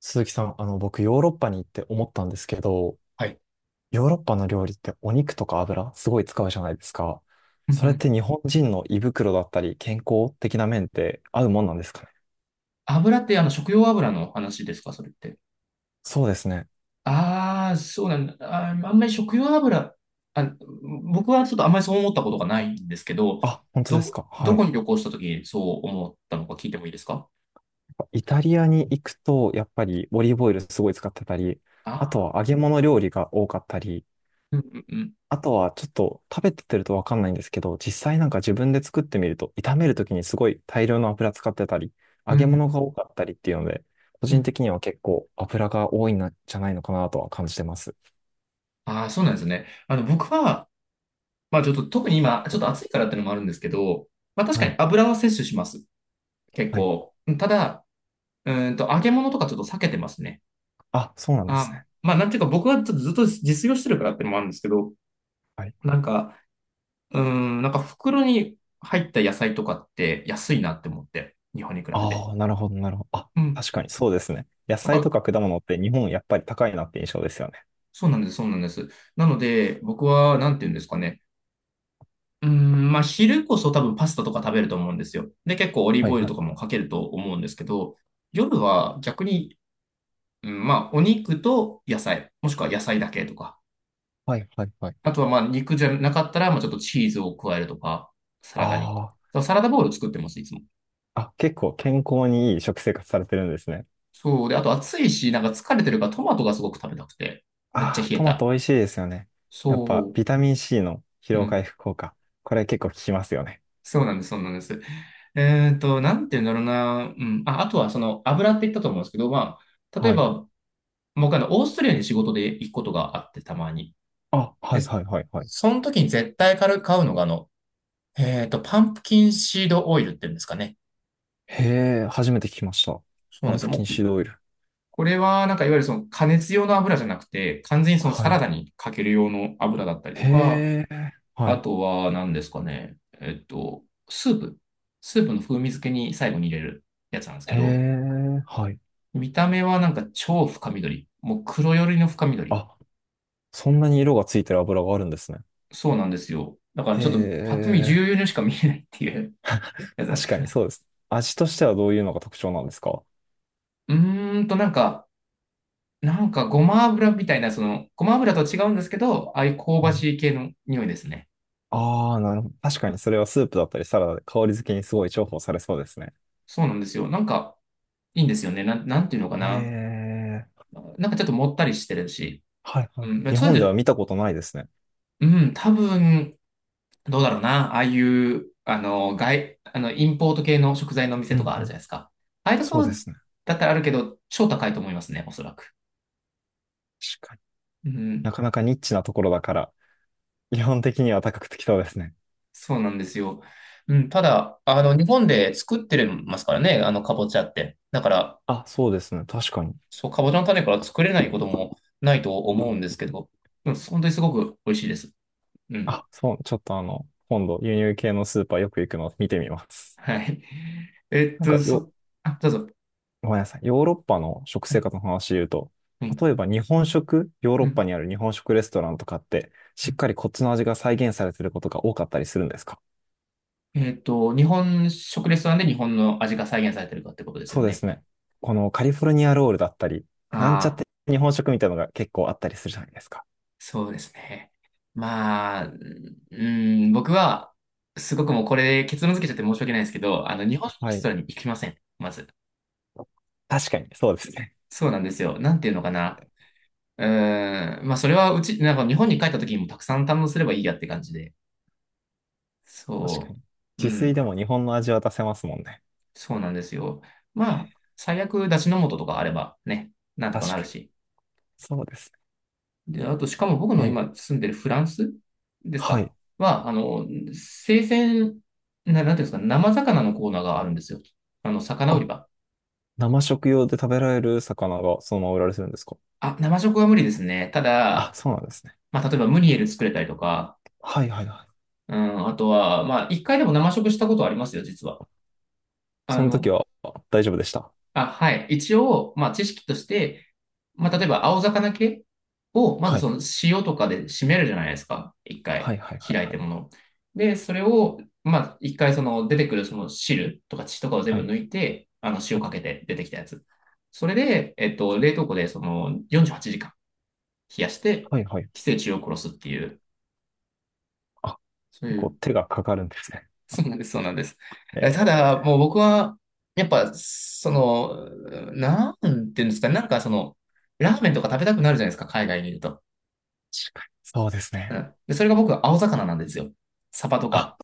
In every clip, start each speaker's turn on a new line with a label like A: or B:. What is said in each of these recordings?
A: 鈴木さん、僕、ヨーロッパに行って思ったんですけど、
B: はい。
A: ヨーロッパの料理ってお肉とか油、すごい使うじゃないですか。
B: うんう
A: それっ
B: ん。
A: て日本人の胃袋だったり、健康的な面って合うもんなんですかね。
B: 油って食用油の話ですか、それって。
A: そうですね。
B: ああ、そうなんだ。あんまり食用油、あ、僕はちょっとあんまりそう思ったことがないんですけど、
A: あ、本当ですか。
B: ど
A: はい。
B: こに旅行した時にそう思ったのか聞いてもいいですか？
A: イタリアに行くと、やっぱりオリーブオイルすごい使ってたり、あと
B: ああ
A: は揚げ物料理が多かったり、
B: うんうんうん。
A: あとはちょっと食べてるとわかんないんですけど、実際なんか自分で作ってみると、炒めるときにすごい大量の油使ってたり、
B: う
A: 揚げ
B: ん
A: 物が多かったりっていうので、個
B: う
A: 人
B: ん。
A: 的には結構油が多いんじゃないのかなとは感じてます。
B: ああ、そうなんですね。僕は、まあちょっと特に今、ちょっと暑いからっていうのもあるんですけど、まあ確か
A: は
B: に
A: い。
B: 油は摂取します。結
A: はい。
B: 構。ただ、揚げ物とかちょっと避けてますね。
A: あ、そうなんですね。
B: まあ、なんていうか、僕はちょっとずっと実用してるからってのもあるんですけど、
A: はい。
B: なんか、なんか袋に入った野菜とかって安いなって思って、日本に比べて。
A: ああ、なるほど、なるほど。あ、
B: うん。
A: 確かにそうですね。野
B: だか
A: 菜と
B: ら、
A: か果物って日本やっぱり高いなって印象ですよね。
B: そうなんです、そうなんです。なので、僕は、なんていうんですかね。まあ、昼こそ多分パスタとか食べると思うんですよ。で、結構オリー
A: は
B: ブ
A: い
B: オイル
A: は
B: とか
A: い。
B: もかけると思うんですけど、夜は逆に、うん、まあ、お肉と野菜、もしくは野菜だけとか、
A: はいはいはい。
B: あとはまあ肉じゃなかったら、まあちょっとチーズを加えるとか、サラダに。だか
A: あ
B: らサラダボウル作ってます、いつも。
A: あ、あ、結構健康にいい食生活されてるんですね。
B: そう。で、あと暑いし、なんか疲れてるからトマトがすごく食べたくて。めっちゃ
A: ああ、
B: 冷え
A: トマト
B: た。
A: 美味しいですよね。やっぱ、
B: そ
A: ビタミン C の疲
B: う。う
A: 労回
B: ん。
A: 復効果。これ結構効きますよね。
B: そうなんです、そうなんです。なんて言うんだろうな。うん。あ、あとはその油って言ったと思うんですけど、まあ、例え
A: はい。
B: ば、僕オーストラリアに仕事で行くことがあって、たまに。
A: あ、は
B: で、
A: いはいはいはい。
B: その時に絶対買うのが、パンプキンシードオイルって言うんですかね。
A: へえ、初めて聞きました。
B: そうな
A: パ
B: んで
A: ン
B: すよ。
A: プキ
B: も
A: ン
B: う
A: シードオイル。
B: これは、なんかいわゆるその加熱用の油じゃなくて、完全にその
A: は
B: サラ
A: い。
B: ダにかける用の油だったりと
A: へ
B: か、
A: え、は
B: あ
A: い。
B: とは何ですかね、スープ。スープの風味付けに最後に入れるやつなんですけ
A: へ
B: ど、
A: え、はい。
B: 見た目はなんか超深緑。もう黒寄りの深緑。
A: あ、そんなに色がついてる油があるんですね。
B: そうなんですよ。だから
A: へ
B: ちょっとパッと見
A: え、
B: 重要にしか見えないっていう やつなんで
A: 確
B: す
A: か
B: け
A: に
B: ど。
A: そうです。味としてはどういうのが特徴なんですか？
B: うーんと、なんか、なんかごま油みたいな、その、ごま油とは違うんですけど、ああいう香ば
A: はい。
B: しい系の匂いですね。
A: ああ、なるほど。確かにそれはスープだったりサラダで香り付けにすごい重宝されそうですね。
B: そうなんですよ。なんか、いいんですよね。なんていうのか
A: へ
B: な。
A: え。
B: なんかちょっともったりしてるし。
A: はいは
B: う
A: い。
B: ん。まあ
A: 日
B: それ
A: 本では
B: で、
A: 見たことないですね。
B: うん、多分、どうだろうな。ああいう、あの、外、あの、インポート系の食材の
A: う
B: 店
A: ん
B: とかあ
A: う
B: るじゃない
A: ん。
B: ですか。ああいうと
A: そ
B: こ
A: うで
B: ろ
A: すね。
B: だったらあるけど、超高いと思いますね、おそらく。
A: 確かに。
B: う
A: な
B: ん。
A: かなかニッチなところだから、基本的には高くてきそうですね。
B: そうなんですよ。うん。ただ、あの、日本で作ってますからね、あの、かぼちゃって。だから、
A: あ、そうですね。確かに。
B: そう、かぼちゃの種から作れないこともないと思うんですけど、うん、本当にすごく美味しいです。うん。
A: あ、そう、ちょっと今度輸入系のスーパーよく行くのを見てみます。
B: はい。えっ
A: なん
B: と、
A: かよ、
B: そ、あ、どうぞ。
A: ごめんなさい。ヨーロッパの食
B: は
A: 生
B: い。
A: 活の話で言うと、
B: はい。
A: 例えば日本食、ヨー
B: う
A: ロッパ
B: ん。
A: にある日本食レストランとかって、
B: う
A: しっ
B: ん。
A: かりこっちの味が再現されてることが多かったりするんですか？
B: 日本食レストランで日本の味が再現されてるかってことですよ
A: そうで
B: ね。
A: すね。このカリフォルニアロールだったり、なんちゃっ
B: ああ、
A: て日本食みたいなのが結構あったりするじゃないですか。
B: そうですね。まあ、うん、僕は、すごくもうこれ結論付けちゃって申し訳ないですけど、あの、日本食レ
A: は
B: ス
A: い。
B: トランに行きません。まず。
A: 確かに、そうですね。
B: そうなんですよ。なんていうのかな。まあ、それはうち、なんか日本に帰った時にもたくさん堪能すればいいやって感じで。
A: 確か
B: そ
A: に。
B: う。う
A: 自炊で
B: ん。
A: も日本の味は出せますもんね。
B: そうなんですよ。まあ、最悪、出汁の素とかあればね、なんとか
A: 確
B: なる
A: かに。
B: し。
A: そうです
B: で、あと、しかも僕
A: ね。
B: の今住んでるフランスです
A: は
B: か？
A: い。
B: は、生鮮、なんていうんですか、生魚のコーナーがあるんですよ。あの、魚売り
A: あ、
B: 場。
A: 生食用で食べられる魚がそのまま売られてるんですか？
B: あ、生食は無理ですね。た
A: あ、
B: だ、
A: そうなんですね。
B: まあ、例えばムニエル作れたりとか、
A: はいはいはい。
B: うん、あとは、まあ、一回でも生食したことありますよ、実は。あ
A: その時
B: の、
A: は大丈夫でした。
B: あ、はい。一応、まあ、知識として、まあ、例えば、青魚系を、まず
A: は
B: そ
A: い。
B: の塩とかで締めるじゃないですか。一
A: は
B: 回、
A: いはいはい
B: 開い
A: は
B: て
A: い。
B: もの。で、それを、まあ、一回、その、出てくるその汁とか血とかを全
A: は
B: 部
A: い。
B: 抜いて、あの、
A: は
B: 塩
A: い
B: かけて出てきたやつ。それで、冷凍庫で、その、48時間冷やして、
A: はいはい。
B: 寄生虫を殺すっていう、
A: あ、
B: そう
A: 結
B: い
A: 構
B: う。
A: 手がかかるんですね。
B: そうなんです、そうなんです。
A: え
B: え、ただ、もう
A: ー、
B: 僕は、やっぱ、その、なんていうんですか、なんかその、ラーメンとか食べたくなるじゃないですか、海外にいると。
A: 確かに。そうです
B: う
A: ね。
B: ん。で、それが僕は青魚なんですよ。サバと
A: あ
B: か、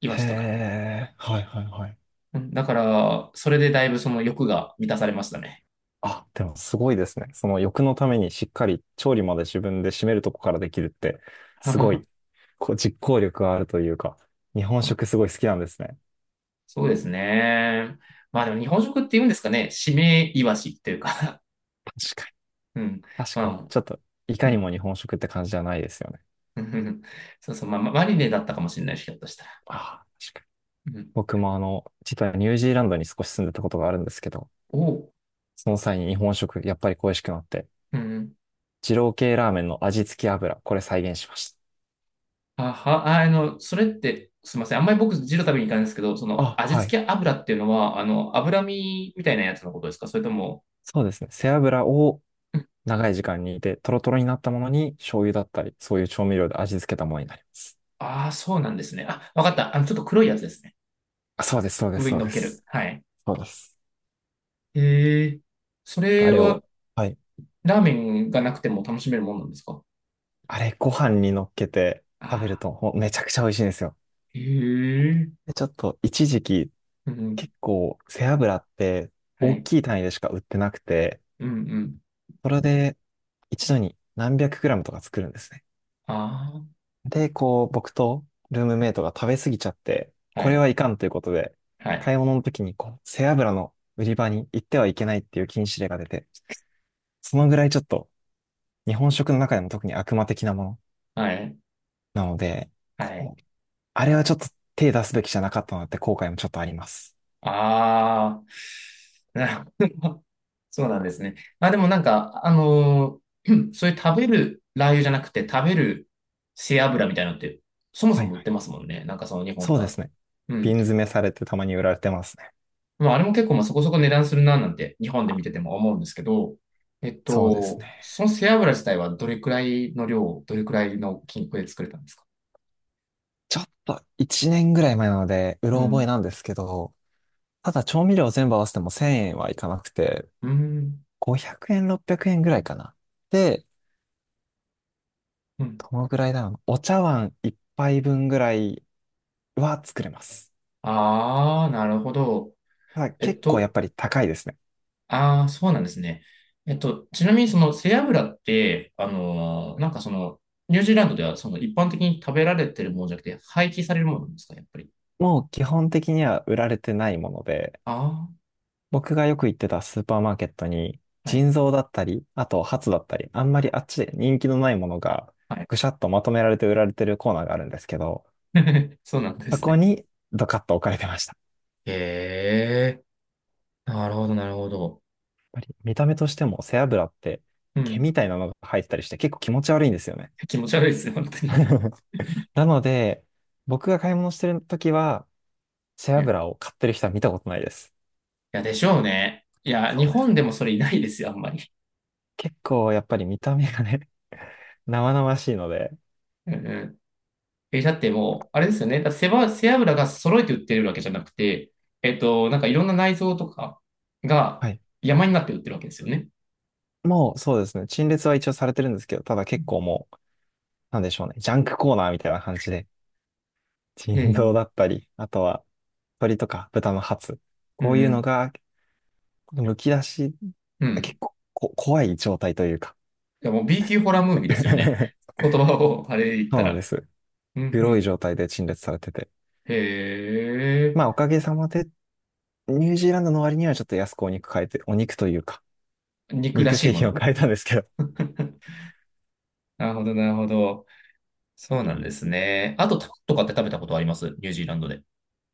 B: イワ
A: へ
B: シとか。
A: え、はいはいはい。
B: うん。だから、それでだいぶその欲が満たされましたね。
A: あ、でもすごいですね。その欲のためにしっかり調理まで自分で締めるとこからできるって、すごい、こう実行力があるというか、日本食すごい好きなんですね。
B: そうですね。まあでも日本食って言うんですかね、締めイワシっていうか
A: 確か
B: うん。
A: に、確
B: ま
A: かに。
B: あ、
A: ちょっと、いか
B: う
A: に
B: ん。
A: も日本食って感じじゃないですよね。
B: うんうん そうそう、まあ、マリネだったかもしれないし、ひょっとしたら。
A: ああ、確かに。
B: うん。
A: 僕も実はニュージーランドに少し住んでたことがあるんですけど、
B: おう。
A: その際に日本食、やっぱり恋しくなって、
B: うんうん。
A: 二郎系ラーメンの味付け油、これ再現しまし
B: あは、ああの、それって、すみません。あんまり僕、ジル食べに行かないんですけど、そ
A: た。あ、
B: の、味
A: はい。
B: 付け油っていうのは、あの、脂身みたいなやつのことですか？それとも、
A: そうですね。背脂を長い時間煮て、トロトロになったものに醤油だったり、そういう調味料で味付けたものになります。
B: ああ、そうなんですね。あ、わかった。あの、ちょっと黒いやつですね。
A: あ、そうです、そうです、
B: 上に
A: そう
B: 乗っ
A: で
B: ける。
A: す。
B: はい。
A: そうです。
B: へえ。そ
A: あ
B: れ
A: れ
B: は、
A: を、はい。
B: ラーメンがなくても楽しめるもんなんですか？
A: あれ、ご飯に乗っけて食べる
B: ああ
A: と、ほんめちゃくちゃ美味しいんですよ。
B: ー、へえ。
A: で、ちょっと、一時期、
B: うん。
A: 結構、背脂って
B: は
A: 大
B: い。
A: きい単位でしか売ってなくて、
B: うんうん。
A: それで一度に何百グラムとか作るんですね。
B: あ
A: で、こう、僕とルームメイトが食べ過ぎちゃって、
B: あ、は
A: これ
B: い。
A: はいかんということで、
B: は
A: 買
B: い。
A: い物の時にこう、背脂の売り場に行ってはいけないっていう禁止令が出て、そのぐらいちょっと日本食の中でも特に悪魔的なもの
B: はい。
A: なので、
B: はい。
A: こう、あれはちょっと手出すべきじゃなかったなって後悔もちょっとあります。
B: ああ、なるほど。そうなんですね。まあでもなんか、そういう食べるラー油じゃなくて食べる背脂みたいなのって、そも
A: は
B: そ
A: い
B: も売っ
A: は
B: て
A: い。
B: ますもんね。なんかその日本と
A: そう
B: か
A: で
B: だと。
A: すね。
B: うん。
A: 瓶詰めされてたまに売られてますね。
B: まああれも結構まあそこそこ値段するななんて日本で見てても思うんですけど、
A: そうですね。
B: その背脂自体はどれくらいの量、どれくらいの金額で作れたんですか？
A: ちょっと1年ぐらい前なので、う
B: う
A: ろ覚え
B: ん。
A: なんですけど、ただ調味料全部合わせても1000円はいかなくて、
B: うん。
A: 500円、600円ぐらいかな。で、
B: うん。
A: どのぐらいだろうな。お茶碗一杯分ぐらいは作れます。
B: ああ、なるほど。
A: ただ
B: えっ
A: 結構やっ
B: と、
A: ぱり高いですね。
B: ああ、そうなんですね。ちなみにその背脂って、
A: はい
B: ニュージーランドではその一般的に食べられてるものじゃなくて、廃棄されるものなんですか、やっぱり。
A: もう基本的には売られてないもので、
B: あ
A: 僕がよく行ってたスーパーマーケットに、
B: あ、はい、
A: 腎臓だったり、あとハツだったり、あんまりあっちで人気のないものが
B: はい。
A: ぐしゃっとまとめられて売られてるコーナーがあるんですけど、
B: そうなんで
A: そ
B: す
A: こ
B: ね。
A: にドカッと置かれてました。
B: へえ、なるほど、なるほど。
A: やっぱり見た目としても背脂って
B: う
A: 毛
B: ん。
A: みたいなのが入ってたりして結構気持ち悪いんですよね。
B: 気持ち悪いですよ、本当に。
A: なので、僕が買い物してる時は、背
B: うん。い
A: 脂を買ってる人は見たことないです。
B: や、でしょうね。いや、
A: そ
B: 日
A: うです。
B: 本でもそれいないですよ、あんまり。
A: 結構やっぱり見た目がね、生々しいので、
B: うんうん。え、だってもう、あれですよね。だって背脂が揃えて売ってるわけじゃなくて、えっと、なんかいろんな内臓とかが
A: はい。
B: 山になって売ってるわけですよね。
A: もうそうですね、陳列は一応されてるんですけど、ただ結構もう、なんでしょうね、ジャンクコーナーみたいな感じで、
B: う
A: 腎臓だ
B: ん。
A: ったり、あとは鶏とか豚のハツ、
B: う
A: こう
B: ん。
A: い
B: う
A: うの
B: ん。
A: が、むき出し、
B: うん。
A: 結構こ怖い状態というか。
B: いや、もう B 級ホラームービーですよね。言葉をあれで言っ
A: そ
B: た
A: うなんで
B: ら。
A: す。
B: うんう
A: 黒い
B: ん。
A: 状態で陳列されてて。
B: へえ。
A: まあ、おかげさまでニュージーランドの割にはちょっと安くお肉変えて、お肉というか、
B: 肉ら
A: 肉
B: しい
A: 製
B: も
A: 品を
B: の。
A: 変えたんですけど。
B: なるほど、なるほど。そうなんですね。あと、タンとかって食べたことあります？ニュージーランドで。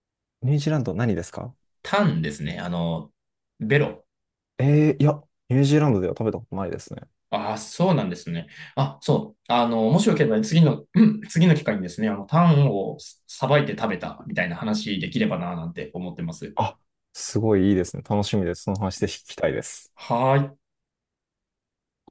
A: ニュージーランド何ですか？
B: タンですね。あの、ベロ。
A: えー、いや、ニュージーランドでは食べたことないですね。
B: ああ、そうなんですね。あ、そう。あの、もしよければ次の、うん次の機会にですね、あの、タンをさばいて食べたみたいな話できればな、なんて思ってます。
A: あ、すごいいいですね。楽しみです。その話で聞きたいです。
B: はーい。